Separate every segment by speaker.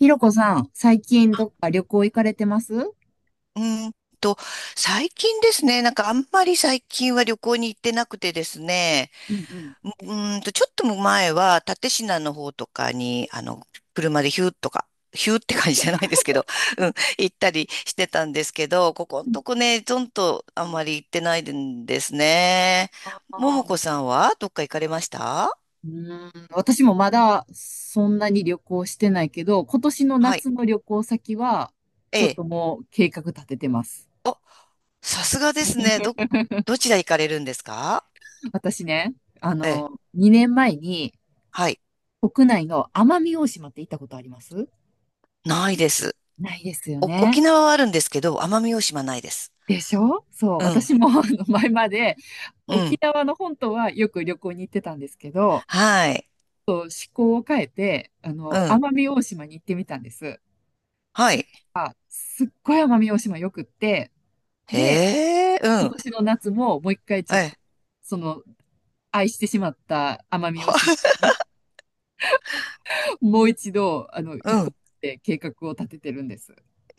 Speaker 1: ひろこさん、最近どっか旅行行かれてます？
Speaker 2: うーんと、最近ですね、なんかあんまり最近は旅行に行ってなくてですね、
Speaker 1: うんうん。
Speaker 2: うちょっと前は蓼科の方とかに、車でヒューとか、ヒューって感じじゃないですけど、うん、行ったりしてたんですけど、ここんとこね、ゾンとあんまり行ってないんですね。
Speaker 1: あ
Speaker 2: も
Speaker 1: ー、
Speaker 2: もこさんはどっか行かれました？
Speaker 1: うーん、私もまだそんなに旅行してないけど、今年の
Speaker 2: はい。
Speaker 1: 夏の旅行先は、
Speaker 2: え
Speaker 1: ちょっ
Speaker 2: え。
Speaker 1: ともう計画立ててます。
Speaker 2: お、さすがですね。ど、ど ちら行かれるんですか？
Speaker 1: 私ね、
Speaker 2: ええ。
Speaker 1: 2年前に
Speaker 2: はい。
Speaker 1: 国内の奄美大島って行ったことあります？
Speaker 2: ないです。
Speaker 1: ないですよ
Speaker 2: お
Speaker 1: ね。
Speaker 2: 沖縄はあるんですけど、奄美大島ないです。
Speaker 1: でしょ？そう、
Speaker 2: うん。
Speaker 1: 私もあの前まで
Speaker 2: う
Speaker 1: 沖
Speaker 2: ん。
Speaker 1: 縄の本島はよく旅行に行ってたんですけど、
Speaker 2: はい。
Speaker 1: と思考を変えて、
Speaker 2: うん。
Speaker 1: 奄美大島に行ってみたんです。
Speaker 2: は
Speaker 1: そし
Speaker 2: い。
Speaker 1: たら、すっごい奄美大島よくって、で、
Speaker 2: へえ、う
Speaker 1: 今
Speaker 2: ん。
Speaker 1: 年の夏ももう一回ちょっ
Speaker 2: え、
Speaker 1: と、その、愛してしまった奄美大島に もう一度、
Speaker 2: う
Speaker 1: 行こ
Speaker 2: ん。
Speaker 1: うって計画を立ててるんです。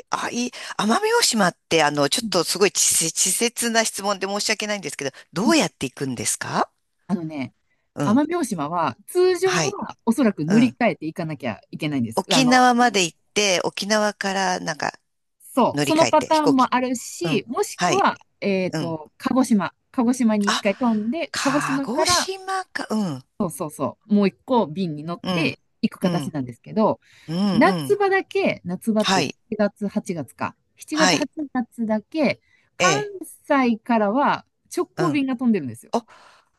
Speaker 2: あ、いい。奄美大島って、ちょ
Speaker 1: う
Speaker 2: っ
Speaker 1: ん
Speaker 2: とすごい稚拙な質問で申し訳ないんですけど、
Speaker 1: う
Speaker 2: ど
Speaker 1: ん、
Speaker 2: うやって行くんですか？
Speaker 1: あのね、
Speaker 2: うん。
Speaker 1: 奄美大島は、通常
Speaker 2: はい。
Speaker 1: はおそらく
Speaker 2: う
Speaker 1: 乗り
Speaker 2: ん。
Speaker 1: 換えていかなきゃいけないんです。
Speaker 2: 沖縄まで行って、沖縄からなんか
Speaker 1: そう、
Speaker 2: 乗り
Speaker 1: そ
Speaker 2: 換
Speaker 1: の
Speaker 2: え
Speaker 1: パ
Speaker 2: て、
Speaker 1: タ
Speaker 2: 飛
Speaker 1: ー
Speaker 2: 行
Speaker 1: ン
Speaker 2: 機。
Speaker 1: もある
Speaker 2: う
Speaker 1: し、
Speaker 2: ん。
Speaker 1: もし
Speaker 2: は
Speaker 1: く
Speaker 2: い。
Speaker 1: は、
Speaker 2: うん。
Speaker 1: 鹿児島。鹿児島に一
Speaker 2: あ、
Speaker 1: 回飛んで、鹿児
Speaker 2: 鹿
Speaker 1: 島か
Speaker 2: 児
Speaker 1: ら
Speaker 2: 島か。うん。
Speaker 1: もう一個便に乗っ
Speaker 2: うん。
Speaker 1: て行く
Speaker 2: う
Speaker 1: 形
Speaker 2: ん。
Speaker 1: なんですけど、
Speaker 2: うん。う
Speaker 1: 夏
Speaker 2: ん。
Speaker 1: 場だけ、夏場っ
Speaker 2: は
Speaker 1: て
Speaker 2: い。
Speaker 1: 7月、8月か。7
Speaker 2: は
Speaker 1: 月、
Speaker 2: い。
Speaker 1: 8月だけ、
Speaker 2: え
Speaker 1: 関
Speaker 2: え。
Speaker 1: 西からは直
Speaker 2: う
Speaker 1: 行
Speaker 2: ん。
Speaker 1: 便が飛んでるんですよ。
Speaker 2: あ、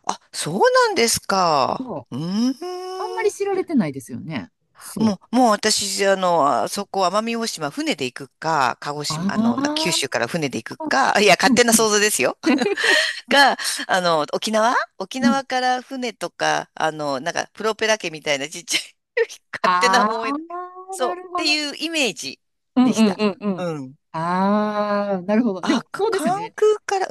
Speaker 2: あ、そうなんですか。
Speaker 1: そ
Speaker 2: う
Speaker 1: う。あんま
Speaker 2: ー
Speaker 1: り
Speaker 2: ん。
Speaker 1: 知られてないですよね。
Speaker 2: も
Speaker 1: そう。
Speaker 2: う、もう私、あそこ、奄美大島、船で行くか、鹿児
Speaker 1: あ
Speaker 2: 島、な九
Speaker 1: あ、
Speaker 2: 州から船で行くか、いや、勝
Speaker 1: うん
Speaker 2: 手な
Speaker 1: うん
Speaker 2: 想像ですよ。か、沖縄沖
Speaker 1: うん。
Speaker 2: 縄から船とか、なんか、プロペラ家みたいなちっちゃい 勝手な
Speaker 1: あ
Speaker 2: 思い
Speaker 1: あ、
Speaker 2: 出、そ
Speaker 1: な
Speaker 2: う、
Speaker 1: る
Speaker 2: っ
Speaker 1: ほ
Speaker 2: て
Speaker 1: ど
Speaker 2: い
Speaker 1: ね。
Speaker 2: うイメージ
Speaker 1: うん
Speaker 2: で
Speaker 1: う
Speaker 2: し
Speaker 1: ん
Speaker 2: た。
Speaker 1: うんうん。
Speaker 2: うん。
Speaker 1: ああ、なるほど。で
Speaker 2: あ、
Speaker 1: も、
Speaker 2: か
Speaker 1: そうですよ
Speaker 2: 関
Speaker 1: ね。
Speaker 2: 空から、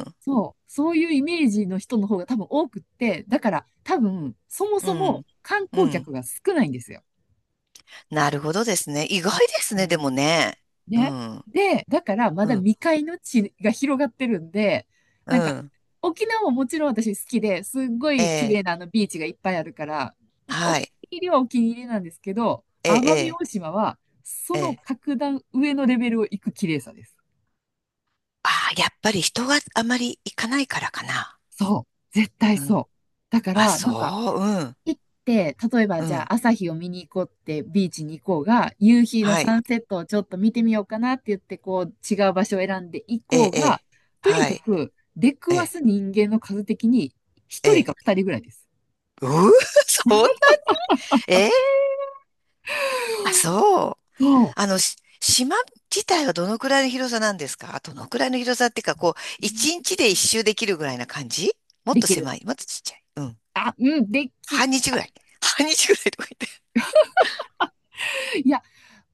Speaker 2: うん、
Speaker 1: そう。そういうイメージの人の方が多分多くって、だから多分、そも
Speaker 2: う
Speaker 1: そも
Speaker 2: ん、
Speaker 1: 観
Speaker 2: う
Speaker 1: 光
Speaker 2: ん。
Speaker 1: 客が少ないんですよ。
Speaker 2: なるほどですね。意外です
Speaker 1: う
Speaker 2: ね、でも
Speaker 1: ん。
Speaker 2: ね。う
Speaker 1: ね。
Speaker 2: ん。
Speaker 1: で、だからま
Speaker 2: う
Speaker 1: だ
Speaker 2: ん、
Speaker 1: 未開の地が広がってるんで、
Speaker 2: う
Speaker 1: なんか、
Speaker 2: ん、
Speaker 1: 沖縄ももちろん私好きで、すっご
Speaker 2: え
Speaker 1: い綺
Speaker 2: え、
Speaker 1: 麗なあのビーチがいっぱいあるから、お
Speaker 2: は
Speaker 1: 気に
Speaker 2: い、
Speaker 1: 入りはお気に入りなんですけど、
Speaker 2: え
Speaker 1: 奄美
Speaker 2: え、
Speaker 1: 大島はそ
Speaker 2: ええ、え
Speaker 1: の
Speaker 2: え。
Speaker 1: 格段上のレベルを行く綺麗さです。
Speaker 2: ああ、やっぱり人があまり行かないからかな。
Speaker 1: そう。絶対
Speaker 2: う
Speaker 1: そ
Speaker 2: ん。
Speaker 1: う。だか
Speaker 2: あ、
Speaker 1: ら、なんか、
Speaker 2: そう、うん、
Speaker 1: 行って、例えば
Speaker 2: う
Speaker 1: じゃ
Speaker 2: ん、
Speaker 1: あ朝日を見に行こうってビーチに行こうが、夕日の
Speaker 2: はい、
Speaker 1: サンセットをちょっと見てみようかなって言って、こう、違う場所を選んで行
Speaker 2: え
Speaker 1: こ
Speaker 2: え、え
Speaker 1: うが、
Speaker 2: え、
Speaker 1: とに
Speaker 2: は
Speaker 1: か
Speaker 2: い、
Speaker 1: く出く
Speaker 2: え
Speaker 1: わ
Speaker 2: え、
Speaker 1: す人間の数的に、
Speaker 2: え
Speaker 1: 一人
Speaker 2: え。
Speaker 1: か二人ぐらいです。
Speaker 2: うー、そんな、ええ、あ、そう。
Speaker 1: そ
Speaker 2: 島自体はどのくらいの広さなんですか？どのくらいの広さっていうか、こう、一
Speaker 1: う。
Speaker 2: 日で一周できるぐらいな感じ、もっ
Speaker 1: で
Speaker 2: と
Speaker 1: きる。
Speaker 2: 狭い、もっとちっちゃい？うん。
Speaker 1: あ、うん、
Speaker 2: 半
Speaker 1: い
Speaker 2: 日ぐらい。半日ぐらいとか言
Speaker 1: や、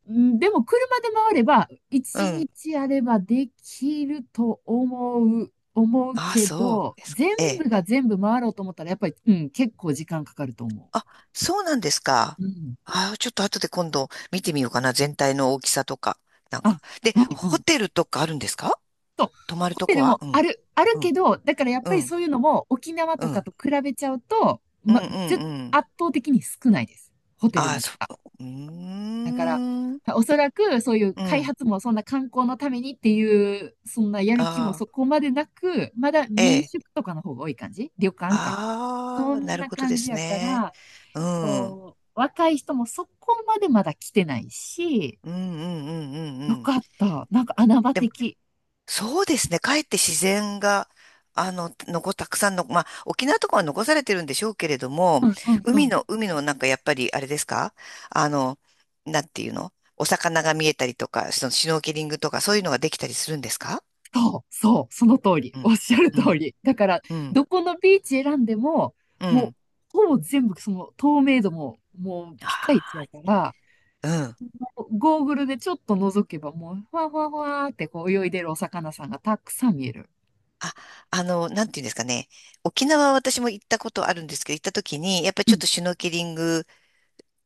Speaker 1: うん、でも車で回れば、
Speaker 2: っ
Speaker 1: 一
Speaker 2: て。うん。
Speaker 1: 日あればできると思う、思う
Speaker 2: ああ、
Speaker 1: け
Speaker 2: そ
Speaker 1: ど、
Speaker 2: うですか。
Speaker 1: 全
Speaker 2: ええ、
Speaker 1: 部が全部回ろうと思ったら、やっぱり、うん、結構時間かかると思
Speaker 2: あ、そうなんですか。
Speaker 1: う。うん。
Speaker 2: あー、ちょっと後で今度見てみようかな。全体の大きさとか。なん
Speaker 1: あ、
Speaker 2: か。で、
Speaker 1: うんう
Speaker 2: ホ
Speaker 1: ん。
Speaker 2: テルとかあるんですか？泊まる
Speaker 1: ホ
Speaker 2: と
Speaker 1: テ
Speaker 2: こ
Speaker 1: ル
Speaker 2: は、
Speaker 1: も
Speaker 2: う
Speaker 1: あ
Speaker 2: ん、
Speaker 1: る、ある
Speaker 2: う
Speaker 1: け
Speaker 2: ん、
Speaker 1: ど、だからやっ
Speaker 2: う
Speaker 1: ぱり
Speaker 2: ん、
Speaker 1: そういうのも沖縄
Speaker 2: う
Speaker 1: とか
Speaker 2: ん、
Speaker 1: と比べちゃうと、
Speaker 2: うん、うん、うん。
Speaker 1: 圧倒的に少ないです。ホテル
Speaker 2: ああ、
Speaker 1: も。
Speaker 2: そう、うー
Speaker 1: だから、
Speaker 2: ん、
Speaker 1: おそらくそういう
Speaker 2: う
Speaker 1: 開
Speaker 2: ん。
Speaker 1: 発もそんな観光のためにっていう、そんなやる気も
Speaker 2: ああ、
Speaker 1: そこまでなく、まだ
Speaker 2: え
Speaker 1: 民
Speaker 2: え。
Speaker 1: 宿とかの方が多い感じ。旅館か。
Speaker 2: あ
Speaker 1: そ
Speaker 2: あ、な
Speaker 1: ん
Speaker 2: る
Speaker 1: な
Speaker 2: ほどで
Speaker 1: 感じ
Speaker 2: す
Speaker 1: やか
Speaker 2: ね。
Speaker 1: ら、
Speaker 2: うん、うん、
Speaker 1: こう、若い人もそこまでまだ来てないし、
Speaker 2: うん、うん、うん、
Speaker 1: よ
Speaker 2: うん。
Speaker 1: かった。なんか穴場的。
Speaker 2: そうですね。かえって自然が、たくさんの、まあ、沖縄とかは残されてるんでしょうけれど
Speaker 1: う
Speaker 2: も、
Speaker 1: んう
Speaker 2: 海
Speaker 1: ん。
Speaker 2: の、海のなんかやっぱり、あれですか？あの、なんていうのお魚が見えたりとか、そのシュノーケリングとか、そういうのができたりするんですか？
Speaker 1: そう、そう、その通り。
Speaker 2: う
Speaker 1: おっ
Speaker 2: ん、
Speaker 1: しゃる
Speaker 2: う
Speaker 1: 通
Speaker 2: ん、
Speaker 1: り。だから、
Speaker 2: うん、
Speaker 1: どこのビーチ選んでも、
Speaker 2: う
Speaker 1: もう、
Speaker 2: ん。
Speaker 1: ほぼ全部その透明度も、もうピカイチ
Speaker 2: あ
Speaker 1: やから、
Speaker 2: ー、うん。
Speaker 1: ゴーグルでちょっと覗けばもう、ふわふわふわーってこう泳いでるお魚さんがたくさん見える。
Speaker 2: あ、なんていうんですかね。沖縄は私も行ったことあるんですけど、行った時に、やっぱり
Speaker 1: う
Speaker 2: ちょっ
Speaker 1: ん、
Speaker 2: とシュノーケリング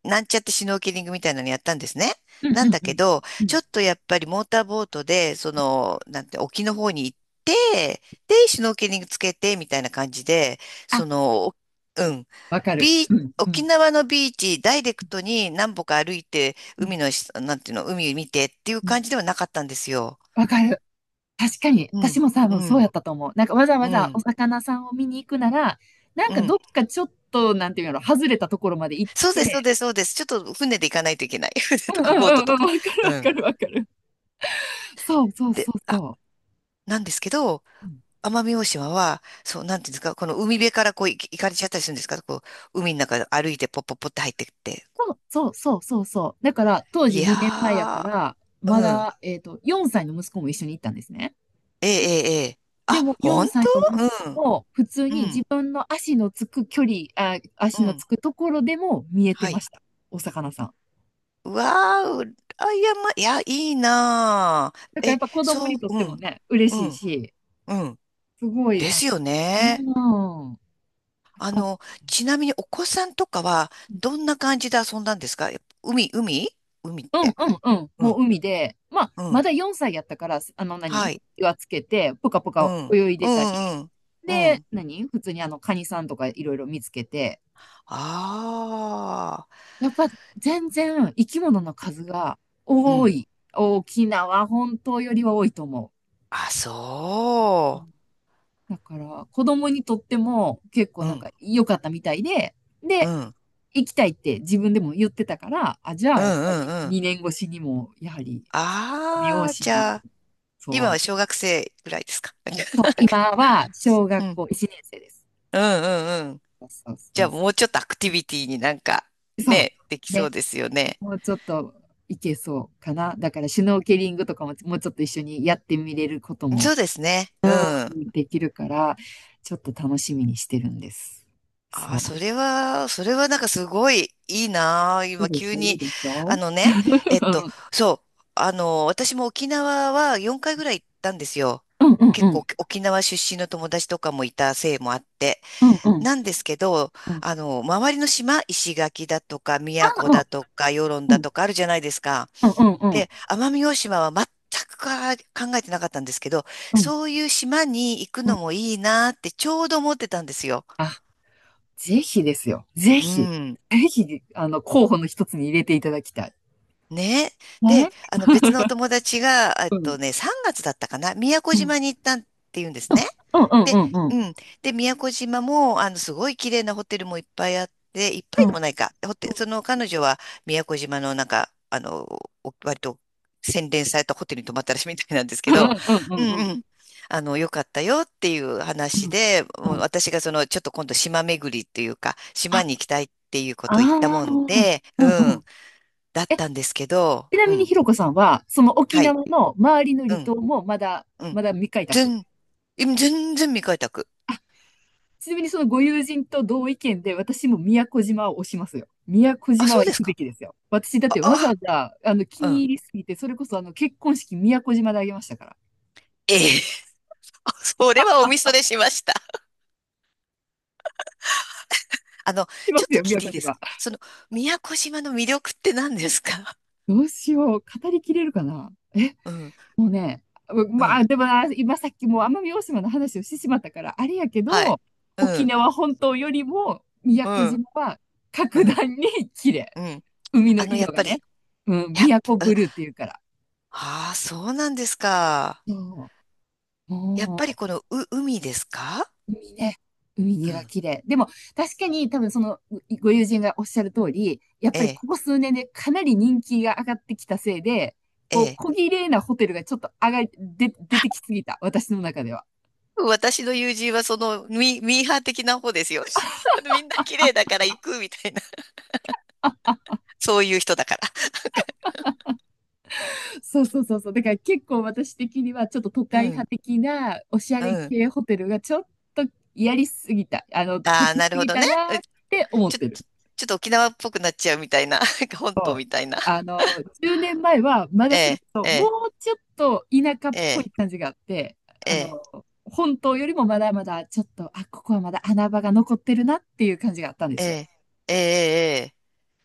Speaker 2: なんちゃってシュノーケリングみたいなのやったんですね。
Speaker 1: うん、
Speaker 2: な
Speaker 1: う
Speaker 2: ん
Speaker 1: ん、
Speaker 2: だ
Speaker 1: う
Speaker 2: け
Speaker 1: ん。
Speaker 2: ど、
Speaker 1: う
Speaker 2: ちょ
Speaker 1: ん、
Speaker 2: っとやっぱりモーターボートで、その、なんて、沖の方に行って、で、シュノーケリングつけて、みたいな感じで、
Speaker 1: あ、
Speaker 2: その、うん、
Speaker 1: わかる。
Speaker 2: ビー
Speaker 1: うん、う
Speaker 2: 沖
Speaker 1: ん、
Speaker 2: 縄のビーチ、ダイレクトに何歩か歩いて、
Speaker 1: うん、
Speaker 2: 海のし、なんていうの、海見てっていう
Speaker 1: う
Speaker 2: 感
Speaker 1: ん。
Speaker 2: じではなかったんですよ。
Speaker 1: わかる。確かに、
Speaker 2: う
Speaker 1: 私
Speaker 2: ん、
Speaker 1: も多
Speaker 2: う
Speaker 1: 分そうや
Speaker 2: ん、
Speaker 1: ったと思う。なんかわざわ
Speaker 2: う
Speaker 1: ざお
Speaker 2: ん、
Speaker 1: 魚さんを見に行くなら、なん
Speaker 2: う
Speaker 1: かど
Speaker 2: ん。
Speaker 1: っかちょっと、なんていうの、外れたところまで行っ
Speaker 2: そうです、そう
Speaker 1: て、
Speaker 2: です、そうです。ちょっと船で行かないといけない。船
Speaker 1: う
Speaker 2: と
Speaker 1: ん、う
Speaker 2: か
Speaker 1: ん、
Speaker 2: ボ
Speaker 1: う
Speaker 2: ー
Speaker 1: ん、
Speaker 2: トと
Speaker 1: うん、
Speaker 2: か。
Speaker 1: わかる、
Speaker 2: う
Speaker 1: わか
Speaker 2: ん。
Speaker 1: る、わかる。そう、そう、
Speaker 2: で、
Speaker 1: そう、そう。
Speaker 2: な
Speaker 1: だ
Speaker 2: ん
Speaker 1: か
Speaker 2: ですけど、
Speaker 1: ら、うん、
Speaker 2: 奄美大島は、そう、なんていうんですか、この海辺からこうい行かれちゃったりするんですか？こう、海の中歩いてポッポッポって入ってって。
Speaker 1: そうそうそうそうそう。だから、当時
Speaker 2: いや
Speaker 1: 2年前やから、
Speaker 2: ー、
Speaker 1: ま
Speaker 2: うん。
Speaker 1: だ、4歳の息子も一緒に行ったんですね。
Speaker 2: ええ、ええ、ええ。
Speaker 1: でも、
Speaker 2: あ、
Speaker 1: 4
Speaker 2: 本
Speaker 1: 歳
Speaker 2: 当、
Speaker 1: の息子
Speaker 2: うん、
Speaker 1: も、普通
Speaker 2: う
Speaker 1: に自
Speaker 2: ん、
Speaker 1: 分の足のつく距離、あ、足
Speaker 2: う
Speaker 1: のつ
Speaker 2: ん。
Speaker 1: くところでも見えて
Speaker 2: は
Speaker 1: ま
Speaker 2: い。
Speaker 1: した。お魚さん。
Speaker 2: うわー、うあ、や、ま、いや、いいな
Speaker 1: だか
Speaker 2: ー。
Speaker 1: らやっ
Speaker 2: え、
Speaker 1: ぱ子供
Speaker 2: そ
Speaker 1: にとっ
Speaker 2: う、う
Speaker 1: ても
Speaker 2: ん、
Speaker 1: ね、嬉
Speaker 2: う
Speaker 1: しい
Speaker 2: ん、
Speaker 1: し、
Speaker 2: うん。
Speaker 1: すごい
Speaker 2: で
Speaker 1: な、
Speaker 2: すよ
Speaker 1: う
Speaker 2: ね。
Speaker 1: ん、よ
Speaker 2: あ
Speaker 1: かった。
Speaker 2: の、ちなみにお子さんとかは、どんな感じで遊んだんですか？やっぱ海、海海っ
Speaker 1: うん
Speaker 2: て。
Speaker 1: うんうん。
Speaker 2: う
Speaker 1: も
Speaker 2: ん、
Speaker 1: う海で、まあ、
Speaker 2: う
Speaker 1: ま
Speaker 2: ん。
Speaker 1: だ4歳やったから、あの何、
Speaker 2: はい。
Speaker 1: 岩つけて、ぷかぷ
Speaker 2: う
Speaker 1: か
Speaker 2: ん。
Speaker 1: 泳い
Speaker 2: う
Speaker 1: でたり、
Speaker 2: んうんうん。う
Speaker 1: で、
Speaker 2: ん。
Speaker 1: 普通にカニさんとかいろいろ見つけて、
Speaker 2: ああ。
Speaker 1: やっぱ全然生き物の数が
Speaker 2: う
Speaker 1: 多
Speaker 2: ん、
Speaker 1: い。沖縄本島よりは多いと思
Speaker 2: あ、
Speaker 1: う。う
Speaker 2: そ
Speaker 1: ん、だから、子供にとっても結構
Speaker 2: う。う
Speaker 1: なん
Speaker 2: ん。
Speaker 1: か良かったみたいで、
Speaker 2: う
Speaker 1: で、
Speaker 2: ん。
Speaker 1: 行きたいって自分でも言ってたから、あ、じゃ
Speaker 2: う
Speaker 1: あ
Speaker 2: ん
Speaker 1: やっぱ
Speaker 2: うん
Speaker 1: り
Speaker 2: うん。
Speaker 1: 2年越しにも、やはり、奄美大
Speaker 2: ああ、じ
Speaker 1: 島、
Speaker 2: ゃあ、今は
Speaker 1: そ
Speaker 2: 小
Speaker 1: う、
Speaker 2: 学生ぐらいですか？なんか
Speaker 1: そう、
Speaker 2: なんか
Speaker 1: 今は小
Speaker 2: う
Speaker 1: 学
Speaker 2: ん。
Speaker 1: 校1年生です。
Speaker 2: うんうんうん。
Speaker 1: そうそ
Speaker 2: じゃあ、
Speaker 1: うそ
Speaker 2: もうちょっとアクティビティになんか、
Speaker 1: う。そ
Speaker 2: ね、でき
Speaker 1: う。
Speaker 2: そう
Speaker 1: ね。
Speaker 2: ですよね。
Speaker 1: もうちょっといけそうかな。だからシュノーケリングとかももうちょっと一緒にやってみれること
Speaker 2: そう
Speaker 1: も
Speaker 2: ですね。うん。
Speaker 1: できるから、ちょっと楽しみにしてるんです。
Speaker 2: あ
Speaker 1: そ
Speaker 2: あ、
Speaker 1: う。
Speaker 2: それは、それはなんかすごいいいなあ。
Speaker 1: いい
Speaker 2: 今
Speaker 1: でし
Speaker 2: 急
Speaker 1: ょ？いい
Speaker 2: に。
Speaker 1: でしょ？う
Speaker 2: あのね、えっと、
Speaker 1: ん
Speaker 2: そう、私も沖縄は4回ぐらい行ったんですよ。
Speaker 1: うん
Speaker 2: 結
Speaker 1: うん
Speaker 2: 構沖縄出身の友達とかもいたせいもあって。
Speaker 1: うんうん
Speaker 2: なんですけど、
Speaker 1: うん。
Speaker 2: 周りの島、石垣だとか、
Speaker 1: あ、
Speaker 2: 宮古だとか、与論
Speaker 1: うんう
Speaker 2: だ
Speaker 1: ん
Speaker 2: とかあるじゃないですか。
Speaker 1: うんうん
Speaker 2: で、奄美大島は全くか考えてなかったんですけど、
Speaker 1: うん
Speaker 2: そういう島に行く
Speaker 1: う
Speaker 2: の
Speaker 1: ん。
Speaker 2: もいいなあってちょうど思ってたんですよ。
Speaker 1: あ、ぜひですよ。ぜ
Speaker 2: う
Speaker 1: ひ。
Speaker 2: ん。
Speaker 1: ぜひ、候補の一つに入れていただきたい。
Speaker 2: ね。で、
Speaker 1: ね。
Speaker 2: 別のお 友達が、
Speaker 1: うん。
Speaker 2: 3月だったかな、宮古
Speaker 1: うん
Speaker 2: 島に行ったって言うんですね。
Speaker 1: うんうんう
Speaker 2: で、
Speaker 1: んうん。
Speaker 2: うん。で、宮古島も、すごい綺麗なホテルもいっぱいあって、いっぱ
Speaker 1: う
Speaker 2: いで
Speaker 1: ん。
Speaker 2: もないか。ホテル、その彼女は宮古島のなんか、割と洗練されたホテルに泊まったらしいみたいなんです
Speaker 1: う
Speaker 2: け
Speaker 1: ん
Speaker 2: ど、
Speaker 1: うんうん
Speaker 2: う
Speaker 1: うんうん。
Speaker 2: んうん。良かったよっていう
Speaker 1: う
Speaker 2: 話
Speaker 1: ん
Speaker 2: で、
Speaker 1: う
Speaker 2: もう
Speaker 1: ん。
Speaker 2: 私がその、ちょっと今度島巡りっていうか、島
Speaker 1: あ、
Speaker 2: に行きたいっていうこ
Speaker 1: あ
Speaker 2: とを言った
Speaker 1: あ。
Speaker 2: もんで、
Speaker 1: う
Speaker 2: う
Speaker 1: んうん。
Speaker 2: ん。だったんですけど、
Speaker 1: ちな
Speaker 2: う
Speaker 1: みに
Speaker 2: ん。
Speaker 1: ひろこさんは、その沖
Speaker 2: はい。
Speaker 1: 縄の周りの
Speaker 2: う
Speaker 1: 離
Speaker 2: ん。
Speaker 1: 島もまだ、
Speaker 2: うん。
Speaker 1: まだ未開拓。
Speaker 2: 全、今全然未開拓。
Speaker 1: ちなみにそのご友人と同意見で、私も宮古島を推しますよ。宮古
Speaker 2: あ、
Speaker 1: 島
Speaker 2: そ
Speaker 1: は
Speaker 2: うで
Speaker 1: 行
Speaker 2: す
Speaker 1: くべ
Speaker 2: か。
Speaker 1: きですよ。私だっ
Speaker 2: あ、
Speaker 1: てわざわ
Speaker 2: あ、
Speaker 1: ざ、気
Speaker 2: あう
Speaker 1: に
Speaker 2: ん。
Speaker 1: 入りすぎて、それこそ結婚式宮古島であげましたから。
Speaker 2: ええ。あ、それはおみそれしました。あの、
Speaker 1: 来ま
Speaker 2: ちょっ
Speaker 1: す
Speaker 2: と
Speaker 1: よ、
Speaker 2: 聞い
Speaker 1: 宮
Speaker 2: ていい
Speaker 1: 古
Speaker 2: です
Speaker 1: 島。
Speaker 2: か？その、宮古島の魅力って何ですか？
Speaker 1: どうしよう。語りきれるかな。
Speaker 2: うん。
Speaker 1: もうね、
Speaker 2: う
Speaker 1: ま
Speaker 2: ん。
Speaker 1: あ、でもな、今さっきもう奄美大島の話をしてしまったから、あれやけ
Speaker 2: はい。
Speaker 1: ど、
Speaker 2: う
Speaker 1: 沖
Speaker 2: ん。
Speaker 1: 縄本島よりも宮
Speaker 2: う
Speaker 1: 古
Speaker 2: ん。
Speaker 1: 島は
Speaker 2: う
Speaker 1: 格
Speaker 2: ん。
Speaker 1: 段に綺麗。
Speaker 2: うん。
Speaker 1: 海の
Speaker 2: やっ
Speaker 1: 色が
Speaker 2: ぱ
Speaker 1: ね。
Speaker 2: り、
Speaker 1: うん、
Speaker 2: やっ
Speaker 1: 宮古
Speaker 2: ぱ、
Speaker 1: ブルーっていうから。
Speaker 2: ああー、そうなんですか。
Speaker 1: そう。
Speaker 2: やっぱり
Speaker 1: も
Speaker 2: この、海ですか？
Speaker 1: う、海ね。
Speaker 2: う
Speaker 1: 海が
Speaker 2: ん。
Speaker 1: 綺麗。でも、確かに多分その、ご友人がおっしゃる通り、やっ
Speaker 2: え
Speaker 1: ぱり
Speaker 2: え。
Speaker 1: ここ数年でかなり人気が上がってきたせいで、
Speaker 2: え
Speaker 1: こう、
Speaker 2: え。
Speaker 1: 小綺麗なホテルがちょっと上がり、で、出てきすぎた。私の中では。
Speaker 2: 私の友人はそのミーハー的な方ですよ。みんな綺麗だから行くみたいな。そういう人だから。
Speaker 1: そうそうそうそう。だから結構私的にはちょっと都
Speaker 2: う
Speaker 1: 会派
Speaker 2: ん、
Speaker 1: 的なおしゃ
Speaker 2: う
Speaker 1: れ
Speaker 2: ん。
Speaker 1: 系ホテルがちょっとやりすぎた、立
Speaker 2: ああ、
Speaker 1: ちす
Speaker 2: なるほ
Speaker 1: ぎ
Speaker 2: ど
Speaker 1: た
Speaker 2: ね。
Speaker 1: な
Speaker 2: う
Speaker 1: って思っ
Speaker 2: ちょ、
Speaker 1: てる。
Speaker 2: ちょっと沖縄っぽくなっちゃうみたいな。なんか本島みたいな。
Speaker 1: 10年前はま
Speaker 2: え
Speaker 1: だそれ
Speaker 2: え、
Speaker 1: こそ
Speaker 2: え
Speaker 1: も
Speaker 2: え、
Speaker 1: うちょっと田舎っ
Speaker 2: え
Speaker 1: ぽい
Speaker 2: え、
Speaker 1: 感じがあって、
Speaker 2: え
Speaker 1: あ
Speaker 2: え、
Speaker 1: の、本島よりもまだまだちょっと、あ、ここはまだ穴場が残ってるなっていう感じがあったんで
Speaker 2: え
Speaker 1: すよ。
Speaker 2: え、ええ、え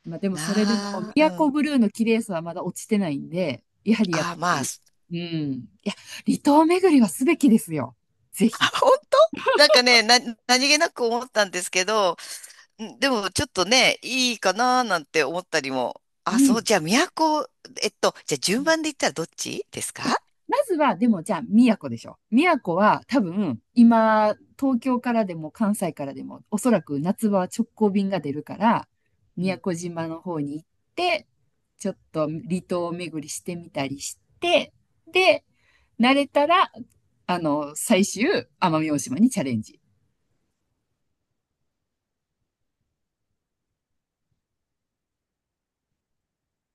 Speaker 1: まあでも
Speaker 2: え
Speaker 1: それでも、
Speaker 2: なあ、
Speaker 1: 宮
Speaker 2: う
Speaker 1: 古
Speaker 2: ん。
Speaker 1: ブルーの綺麗さはまだ落ちてないんで、やはりやっぱ
Speaker 2: ああ、まあ、
Speaker 1: り、うん。いや、離島巡りはすべきですよ。ぜひ。
Speaker 2: 本当なんかね、何気なく思ったんですけど、んでもちょっとね、いいかななんて思ったりも。あ、
Speaker 1: い
Speaker 2: そ
Speaker 1: い。
Speaker 2: う、じゃあ、都、えっと、じゃあ
Speaker 1: う
Speaker 2: 順
Speaker 1: ん、
Speaker 2: 番で言ったらどっちですか？
Speaker 1: まずは、でもじゃあ、宮古でしょ。宮古は多分、今、東京からでも関西からでも、おそらく夏場は直行便が出るから、
Speaker 2: う
Speaker 1: 宮
Speaker 2: ん
Speaker 1: 古島の方に行って、ちょっと離島巡りしてみたりして、で、慣れたら、最終、奄美大島にチャレンジ。